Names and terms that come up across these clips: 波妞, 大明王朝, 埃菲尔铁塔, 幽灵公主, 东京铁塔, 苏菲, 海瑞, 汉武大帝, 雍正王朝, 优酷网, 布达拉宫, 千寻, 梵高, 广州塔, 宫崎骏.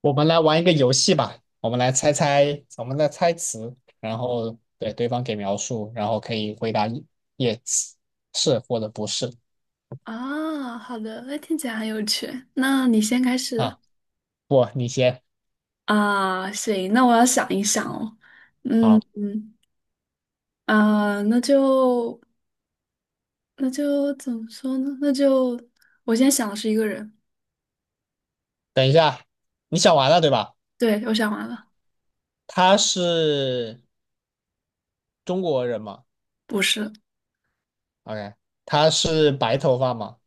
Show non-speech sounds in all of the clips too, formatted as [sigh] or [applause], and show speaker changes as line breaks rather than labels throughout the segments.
我们来玩一个游戏吧，我们来猜猜，我们来猜词，然后对对方给描述，然后可以回答 yes， 是或者不是
啊，好的，那听起来很有趣。那你先开始。
啊。不，你先。
啊，行，那我要想一想哦。嗯
好，
嗯。啊，那就怎么说呢？那就我先想的是一个人。
等一下，你想完了对吧？
对，我想完了。
他是中国人吗
不是。
？OK，他是白头发吗？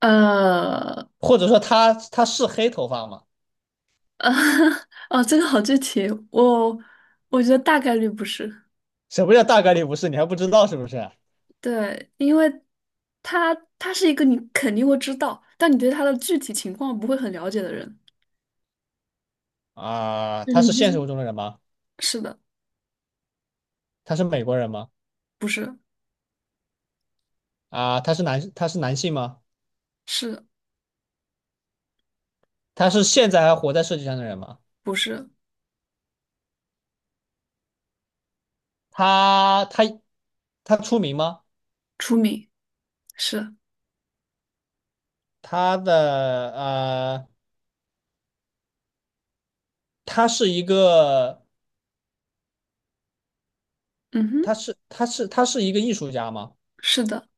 呃
或者说他是黑头发吗？
呃，[laughs] 哦，这个好具体，我觉得大概率不是。
什么叫大概率不是？你还不知道是不是？
对，因为他是一个你肯定会知道，但你对他的具体情况不会很了解的人，
啊、
就是
他是
你就
现实
是
中的人吗？
是的。
他是美国人吗？
不是。
啊、他是男性吗？
是
他是现在还活在世界上的人吗？
不是
他他出名吗？
出名？是。
他的呃，他是一个，
嗯哼。
他是一个艺术家吗？
是的。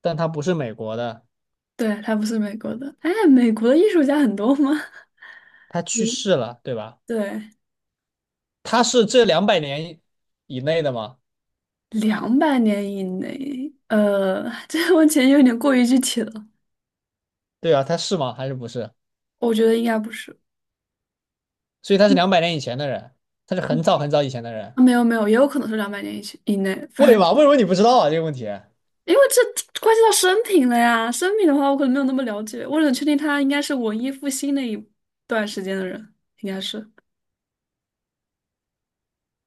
但他不是美国的，
对，他不是美国的。哎，美国的艺术家很多吗？[laughs]
他去
嗯，
世了，对吧？
对，
他是这两百年以内的吗？
200年以内，[laughs] 这个问题有点过于具体了，
对啊，他是吗？还是不是？
我觉得应该不是。
所以他是两百年以前的人，他是很早很早以前的人。
啊，没有没有，也有可能是两百年以前以内，反
为嘛？为
正
什么你不知道啊？这个问题
因为这关系到生平了呀。生平的话，我可能没有那么了解，我只能确定他应该是文艺复兴那一段时间的人，应该是。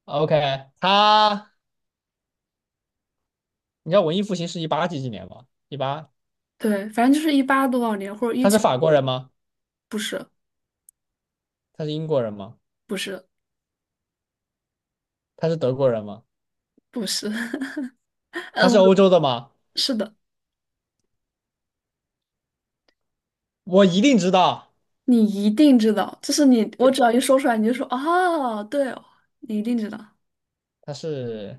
？OK，他，你知道文艺复兴是18几几年吗？一八，
对，反正就是一八多少年或者一
他是
九。
法国人吗？
不是
他是英国人吗？
不是，
他是德国人吗？
不是。[laughs]
他
嗯，
是欧洲的吗？
是的。
我一定知道
你一定知道，就是你，我
就。
只要一说出来，你就说哦，对哦，你一定知道。
他，是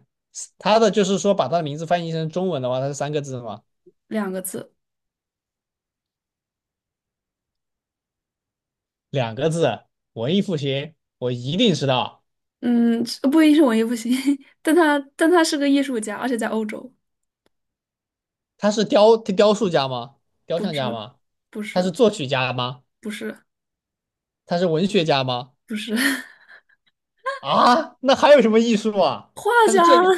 他的，就是说把他的名字翻译成中文的话，他是三个字吗？
2个字。
两个字，文艺复兴，我一定知道。
嗯，不一定是文艺复兴，[laughs] 但他是个艺术家，而且在欧洲。
他是雕塑家吗？雕
不
像家
是。
吗？
不
他是
是。
作曲家吗？
不是。
他是文学家吗？
不是。 [laughs]
啊，那还有什么艺术啊？
画
他是
家。
建筑，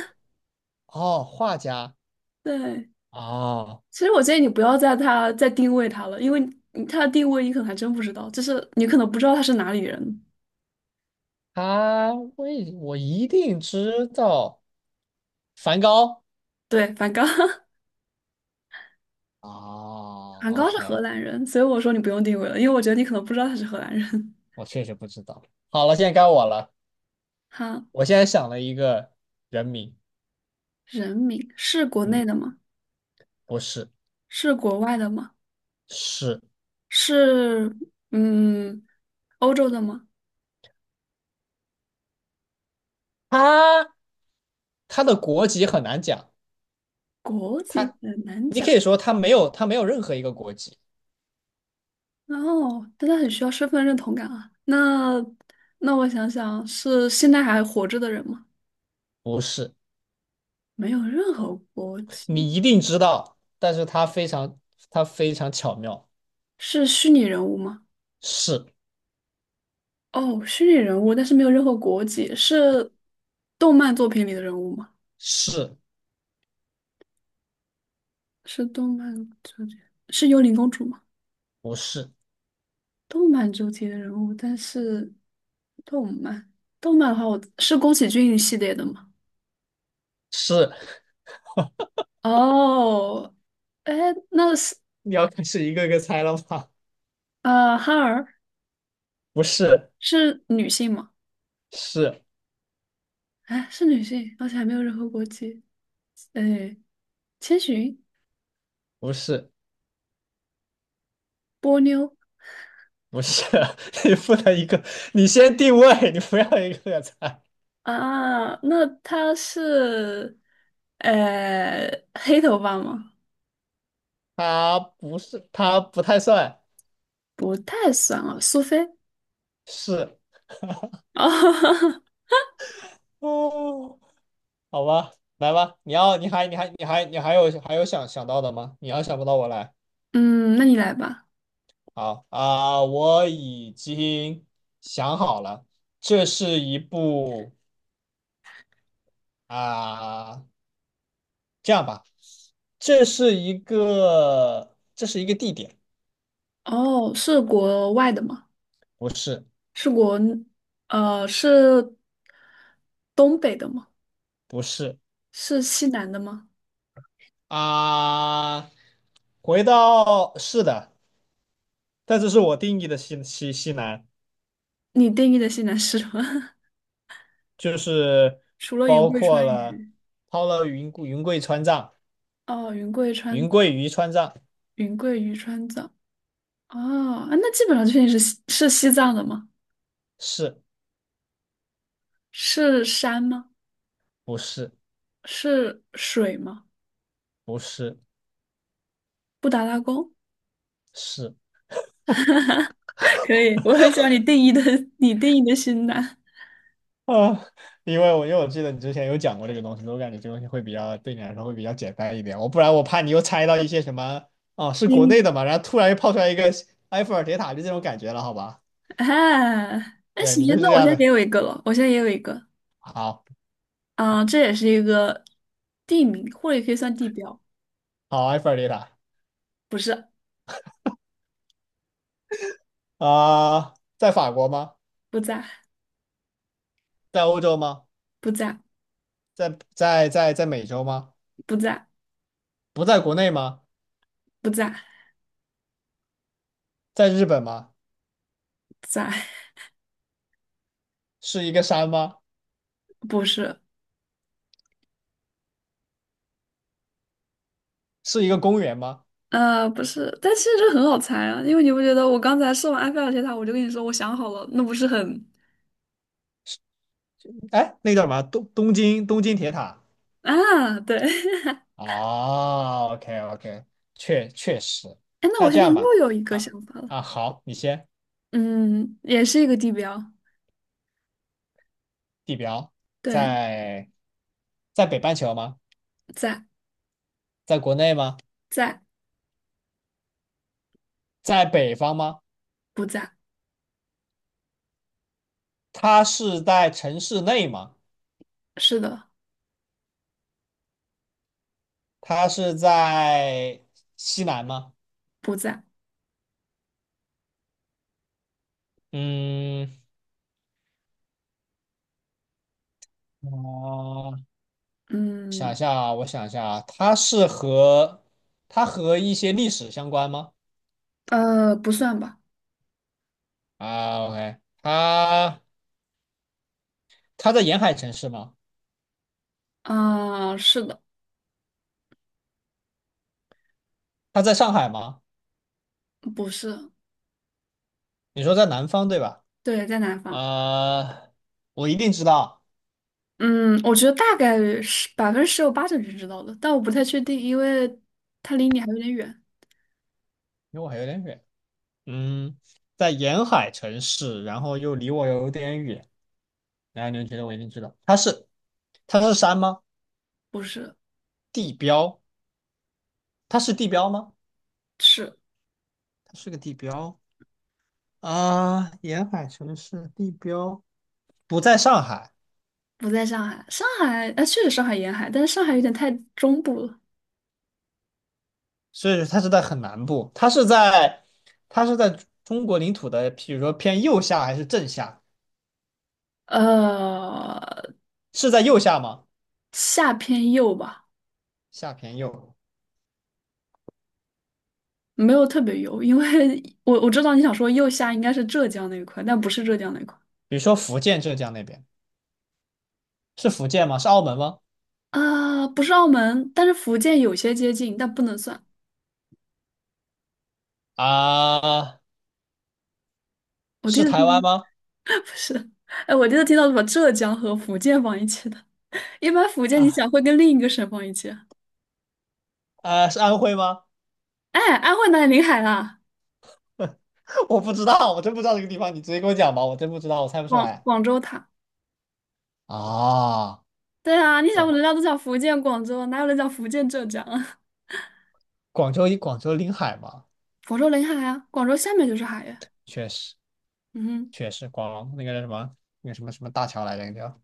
哦，画家，
对。
哦，
其实我建议你不要在他再定位他了，因为你他的定位你可能还真不知道，就是你可能不知道他是哪里人。
我一定知道梵高。
对，梵高。[laughs]
哦
梵高是荷
，OK，
兰人，所以我说你不用定位了，因为我觉得你可能不知道他是荷兰人。
我确实不知道。好了，现在该我了。
[laughs] 好。
我现在想了一个人名，
人名是国内
嗯，
的吗？
不是，
是国外的吗？
是，
是。嗯，欧洲的吗？
他，他的国籍很难讲。
国籍
他，
很难
你可
讲。
以说他没有，他没有任何一个国籍。
然后，但他很需要身份认同感啊。那我想想，是现在还活着的人吗？
不是，
没有任何国
你
籍，
一定知道，但是他非常巧妙。
是虚拟人物吗？
是，
哦，虚拟人物，但是没有任何国籍，是动漫作品里的人物吗？
是，
是动漫作品，是幽灵公主吗？
不是，
动漫主题的人物，但是动漫动漫的话我，是宫崎骏系列的吗？
是。
哦。哎，那是
你要开始一个个猜了吗？
哈尔。
不是，
是女性吗？
是，
哎，是女性，而且还没有任何国籍。哎，千寻。
不是，
波妞。
不是。[laughs] 你不能一个，你先定位，你不要一个个猜。
啊，那她是呃黑头发吗？
它不是，它不太算
不太算啊，苏菲。
是。
[laughs] 哦。
哦，好吧，来吧，你要，你还，你还，你还，你还有，还有想想到的吗？你要想不到，我来。
嗯，那你来吧。
好啊，我已经想好了，这是一部啊，这样吧，这是一个，这是一个地点，
哦，是国外的吗？
不是，
是我，是东北的吗？
不是
是西南的吗？
啊，回到，是的，但这是我定义的西南。
你定义的西南是什么？[laughs]
就是
除了云
包
贵
括
川
了
渝。
抛了云贵川藏，
哦，云贵川，
云贵渝川藏，
云贵渝川藏。哦。啊，那基本上确定是西藏的吗？
是
是山吗？
不是，
是水吗？
不是，
布达拉宫？
是
[laughs] 可以，我很喜欢你定义的，你定义的西南。
啊？因为我记得你之前有讲过这个东西，我感觉这个东西会比较对你来说会比较简单一点，我不然我怕你又猜到一些什么，哦，是国内
嗯。
的嘛，然后突然又跑出来一个埃菲尔铁塔，就这种感觉了，好吧？
[laughs] 啊，那
对
行，
你就是这
那我现
样
在也
的，
有一个了，我现在也有一个。
好
啊、这也是一个地名，或者也可以算地标。
好埃菲尔铁塔
不是。
啊、在法国吗？
不在。
在欧洲吗？
不在。
在美洲吗？
不在。
不在国内吗？
不在。
在日本吗？
在。
是一个山吗？
不是。
是一个公园吗？
不是，但其实这很好猜啊，因为你不觉得我刚才说完埃菲尔铁塔，我就跟你说我想好了，那不是很
哎，那个叫什么？东京铁塔，
啊？对。[laughs]
哦， OK，确实。
哎，那我
那
现
这
在
样
又
吧，
有一个
啊
想法了。
啊，好，你先。
嗯，也是一个地标。
地表
对。
在在北半球吗？
在。
在国内吗？
在。
在北方吗？
不在。
它是在城市内吗？
是的。
它是在西南吗？
不在。
嗯，哦、想一
嗯。
下啊，我想一下啊，它和一些历史相关吗？
不算吧。
啊，OK，它在沿海城市吗？
啊、是的。
它在上海吗？
不是。
你说在南方对吧？
对，在南方。
呃，我一定知道，
嗯，我觉得大概是百分之十有八九是知道的，但我不太确定，因为它离你还有点远。
因为我还有点远。嗯，在沿海城市，然后又离我有点远，然后你就觉得我一定知道，它是山吗？
不是。
地标？它是地标吗？
是。
它是个地标啊，沿海城市地标不在上海。
不在上海，上海啊，确实上海沿海，但是上海有点太中部了。
所以它是在很南部，它是在中国领土的，比如说偏右下还是正下？
呃，
是在右下吗？
下偏右吧。
下偏右，
没有特别右，因为我知道你想说右下应该是浙江那一块，但不是浙江那一块。
比如说福建、浙江那边，是福建吗？是澳门吗？
啊，不是澳门，但是福建有些接近，但不能算。
啊，
我第一
是
次
台
听。
湾吗？
[laughs] 不是。哎，我第一次听到把浙江和福建放一起的。一般福建你
啊
想会跟另一个省放一起？
啊，是安徽吗？
哎，安徽哪里临海啦？
[laughs] 我不知道，我真不知道这个地方，你直接给我讲吧，我真不知道，我猜不出
广
来。
广州塔。
啊，
对啊，你想
广
人家都讲福建广州，哪有人讲福建浙江啊？
广州临海嘛，
[laughs] 广州临海啊，广州下面就是海呀。
确实，
嗯哼。
确实，那个叫什么那个什么什么大桥来着，那个叫。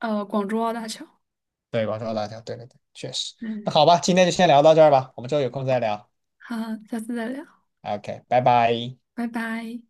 广州澳大桥。
对，广州辣条，对，对，对，确实。
嗯，
那好吧，今天就先聊到这儿吧，我们之后有空再聊。
好，下次再聊，
OK，拜拜。
拜拜。